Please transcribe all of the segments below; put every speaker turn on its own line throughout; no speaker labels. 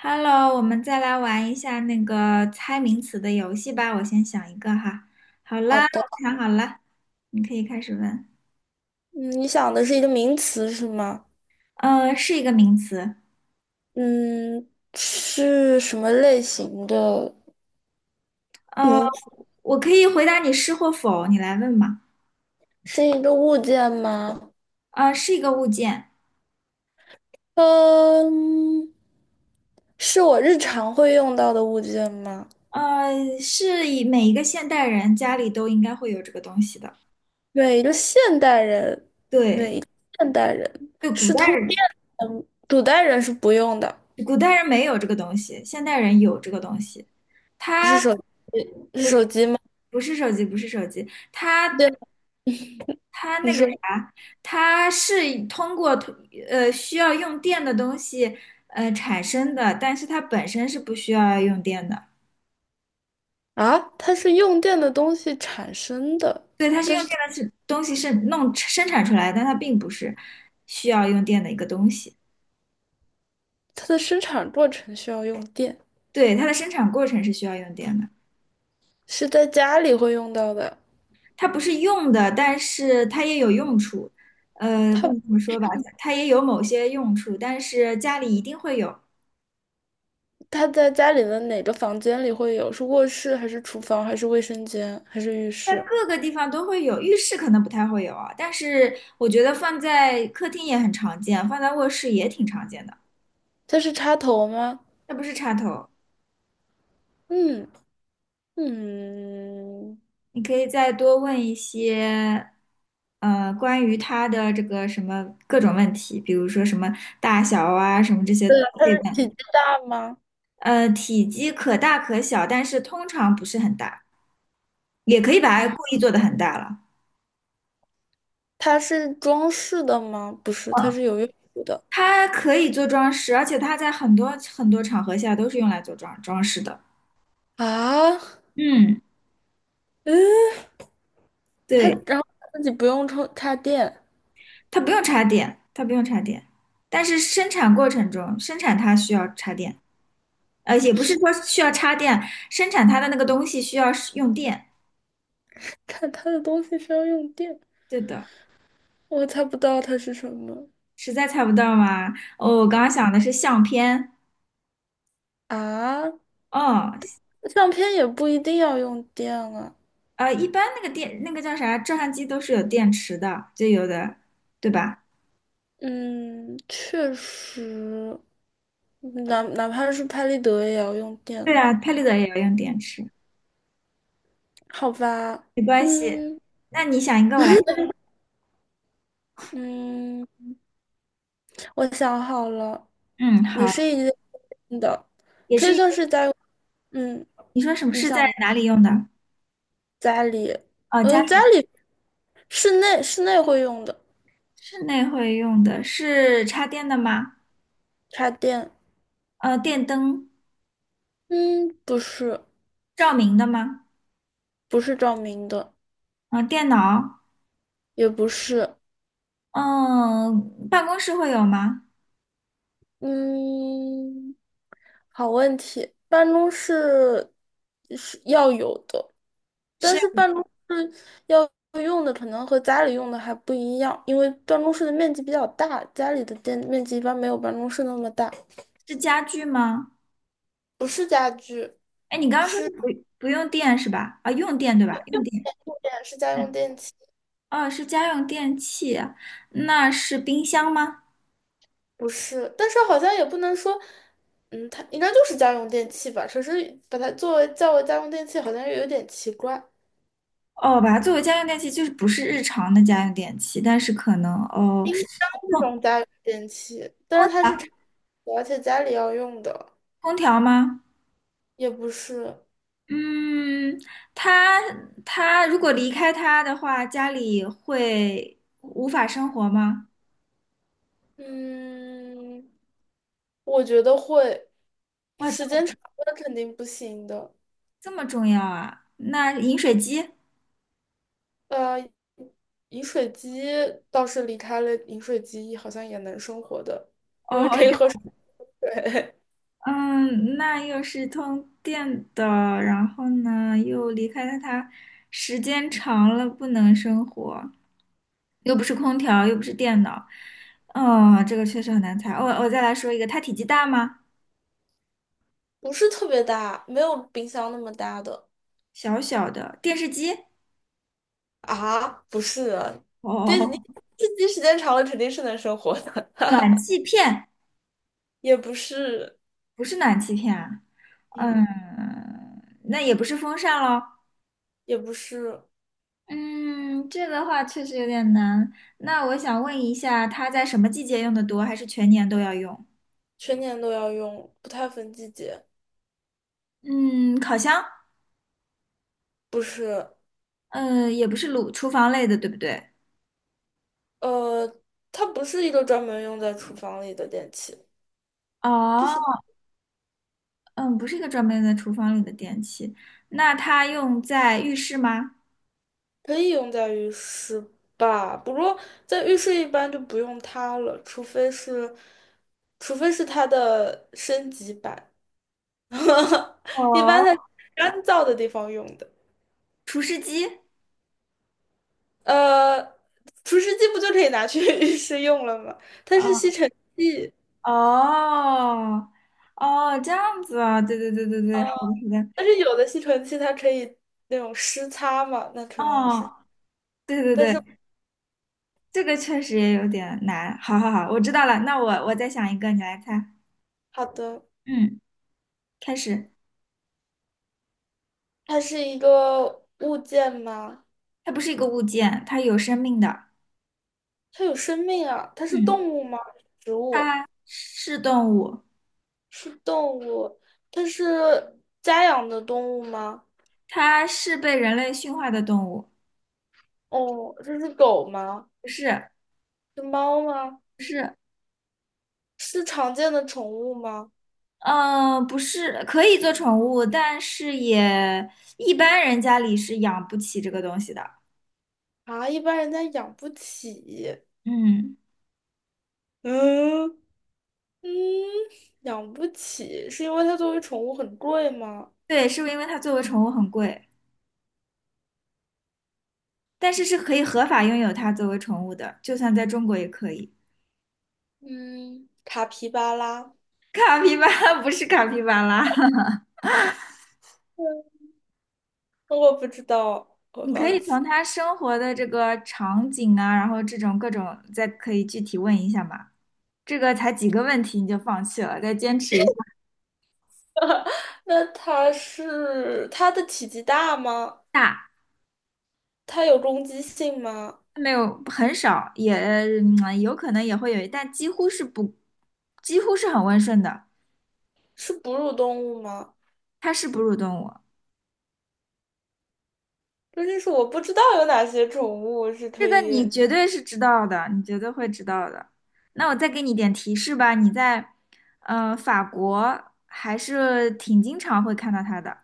Hello，我们再来玩一下那个猜名词的游戏吧。我先想一个哈。好
好
啦，
的。
我想好了，你可以开始问。
嗯你想的是一个名词是吗？
是一个名词。
嗯，是什么类型的
呃，
名词？
我可以回答你是或否，你来问吧。
是一个物件吗？
是一个物件。
嗯，是我日常会用到的物件吗？
是以每一个现代人家里都应该会有这个东西的。
对，一个现代人，
对，
现代人
对，古
是通
代
电的，古代人是不用的，
人古代人没有这个东西，现代人有这个东西。它
是手是
不是
手机吗？
不是手机，不是手机，它。
对，
它那
你
个
说
啥，它是通过通需要用电的东西产生的，但是它本身是不需要用电的。
啊，它是用电的东西产生的，
对，它是用电的是东西是弄生产出来的但它并不是需要用电的一个东西。
它的生产过程需要用电，
对，它的生产过程是需要用电的，
是在家里会用到的。
它不是用的，但是它也有用处。不
它。
能这么说吧，它也有某些用处，但是家里一定会有。
他在家里的哪个房间里会有？是卧室还是厨房还是卫生间还是浴室？
各个地方都会有，浴室可能不太会有啊，但是我觉得放在客厅也很常见，放在卧室也挺常见的，
它是插头吗？
这不是插头。
嗯嗯，
你可以再多问一些，关于它的这个什么各种问题，比如说什么大小啊，什么这些都可以问。
体积大吗？
体积可大可小，但是通常不是很大，也可以把它故
嗯，
意做得很大了。
它是装饰的吗？不是，它
嗯，
是有用途的
它可以做装饰，而且它在很多场合下都是用来做装装饰的。
啊。
嗯。
嗯，它
对，
然后它自己不用充插电，
它不用插电，它不用插电，但是生产过程中，生产它需要插电，也不是说需要插电，生产它的那个东西需要使用电。
看它的东西是要用电，
对的，
我猜不到它是什么
实在猜不到吗？哦，我刚刚想的是相片。
啊。
哦，
相片也不一定要用电啊。
一般那个电，那个叫啥，照相机都是有电池的，就有的，对吧？
嗯，确实，哪怕是拍立得也要用电，
对啊，拍立得也要用电池，
好吧？
没关系。
嗯
那你想一个，我来。
嗯，我想好了，
嗯，
也
好，
是一件的，
也
可
是
以
一
算
个。
是家用嗯，
你说什么
你
是在
想吗
哪里用的？
家里，
哦，家。
嗯，家里室内会用的
室内会用的是插电的吗？
插电，
电灯
嗯，
照明的吗？
不是照明的，
电脑？
也不是。
嗯、办公室会有吗？
嗯，好问题，办公室是要有的，但是
是
办公室要用的可能和家里用的还不一样，因为办公室的面积比较大，家里的电面积一般没有办公室那么大。
是家具吗？
不是家具，
哎，你刚刚说是
是
不用电是吧？啊，用电对吧？用电。
电，是家用
嗯，
电器，
哦，是家用电器，那是冰箱吗？
不是，但是好像也不能说。嗯，它应该就是家用电器吧，只是把它作为叫为家用电器，好像又有点奇怪。
哦，把它作为家用电器，就是不是日常的家用电器，但是可能哦，
冰箱这种家用电器，但是
空
它是常用的而且家里要用的，
空调吗？
也不是。
嗯，他他如果离开他的话，家里会无法生活吗？
嗯，我觉得会，就
哇，这
时间
么
长了肯定不行的。
这么重要啊！那饮水机，
呃，饮水机倒是离开了饮水机，好像也能生活的。
哦，这样，
对。
嗯，那又是通电的，然后呢，又离开了他，时间长了不能生活，又不是空调，又不是电脑，哦，这个确实很难猜。我再来说一个，它体积大吗？
不是特别大，没有冰箱那么大的
小小的电视机，
啊，不是啊，电你
哦，
机时间长了肯定是能生活的，
暖气片。
也不是，
不是暖气片啊，
嗯，
嗯，那也不是风扇喽。
也不是。
嗯，这个话确实有点难。那我想问一下，它在什么季节用的多，还是全年都要用？
全年都要用，不太分季节。
嗯，烤箱，
不是。
嗯，也不是炉厨房类的，对不对？
呃，它不是一个专门用在厨房里的电器，
哦，嗯，不是一个专门在厨房里的电器。那它用在浴室吗？
可以用在浴室吧？不过在浴室一般就不用它了，除非是，除非是它的升级版，一般它是
哦，
干燥的地方用的。
除湿机。
呃，除湿机不就可以拿去 浴室用了吗？它是吸
哦
尘器，
哦哦，这样子啊，对对对对对，好的好的。
但是有的吸尘器它可以那种湿擦嘛，那可能是，
哦，对对
但是。
对，这个确实也有点难。好好好，我知道了。那我再想一个，你来猜。
好的，
嗯，开始。
它是一个物件吗？
它不是一个物件，它有生命的。
它有生命啊？它是
嗯，
动物吗？植物
它是动物，
是动物，它是家养的动物吗？
它是被人类驯化的动物。
哦，这是狗吗？
不是，
是猫吗？
不是，
是常见的宠物吗？
嗯、不是，可以做宠物，但是也一般人家里是养不起这个东西的。
啊，一般人家养不起。
嗯，
嗯嗯，养不起，是因为它作为宠物很贵吗？
对，是不是因为它作为宠物很贵，但是是可以合法拥有它作为宠物的，就算在中国也可以。
嗯，卡皮巴拉。
卡皮巴拉 不是卡皮巴拉，
嗯我不知道，我
你可
放
以
弃。
从它生活的这个场景啊，然后这种各种，再可以具体问一下嘛。这个才几个问题你就放弃了，再坚持一下。
那它是它的体积大吗？
大
它有攻击性吗？
没有很少，也有可能也会有，但几乎是不，几乎是很温顺的，
是哺乳动物吗？
它是哺乳动物。
究竟是我不知道有哪些宠物是
这
可
个你
以。
绝对是知道的，你绝对会知道的。那我再给你点提示吧，你在法国还是挺经常会看到它的。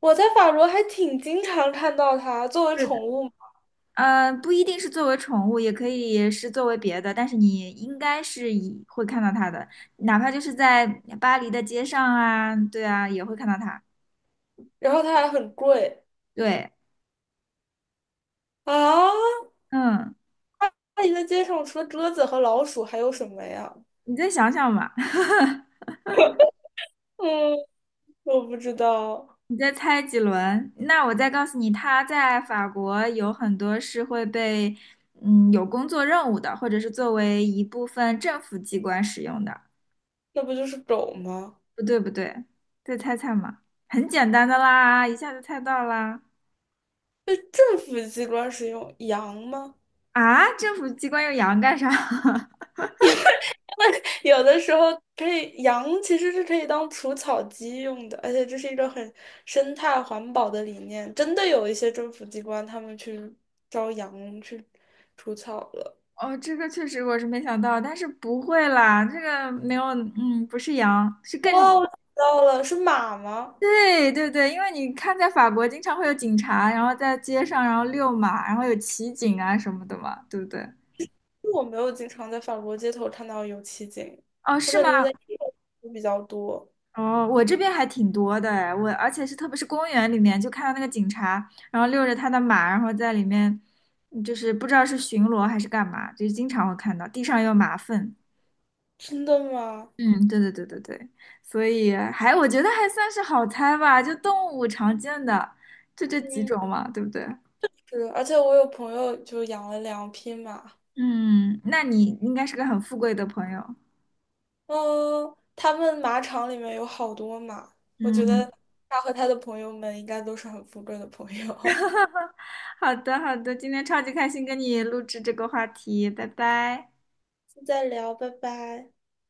我在法国还挺经常看到它作为
是的。
宠物，
不一定是作为宠物，也可以是作为别的，但是你应该是以会看到它的，哪怕就是在巴黎的街上啊，对啊，也会看到它。
然后它还很贵
对，
啊。
嗯，
那你在街上除了鸽子和老鼠还有什么呀？
你再想想吧，
嗯，我不知道，
你再猜几轮，那我再告诉你，它在法国有很多是会被，嗯，有工作任务的，或者是作为一部分政府机关使用的。
那不就是狗吗？
不对，不对，再猜猜嘛，很简单的啦，一下就猜到啦。
被政府机关使用，羊吗？
啊，政府机关用羊干啥？
有的时候可以，羊其实是可以当除草机用的，而且这是一个很生态环保的理念。真的有一些政府机关他们去招羊去除草了。
哦，这个确实我是没想到，但是不会啦，这个没有，嗯，不是羊，是更，
哦，我知道了，是马吗？
对对对，因为你看在法国经常会有警察，然后在街上然后遛马，然后有骑警啊什么的嘛，对不对？
我没有经常在法国街头看到有骑警，
哦，
我
是
感
吗？
觉我在英国比较多。
哦，我这边还挺多的哎，我而且是特别是公园里面，就看到那个警察，然后遛着他的马，然后在里面，就是不知道是巡逻还是干嘛，就是经常会看到地上有马粪。
真的吗？
嗯，对对对对对，所以还我觉得还算是好猜吧，就动物常见的，就这几
嗯，
种嘛，对不对？
是，而且我有朋友就养了两匹马，
嗯，那你应该是个很富贵的朋友。
嗯，他们马场里面有好多马，我觉得
嗯，
他和他的朋友们应该都是很富贵的朋友。
好的好的，今天超级开心跟你录制这个话题，拜拜。
现在聊，拜拜。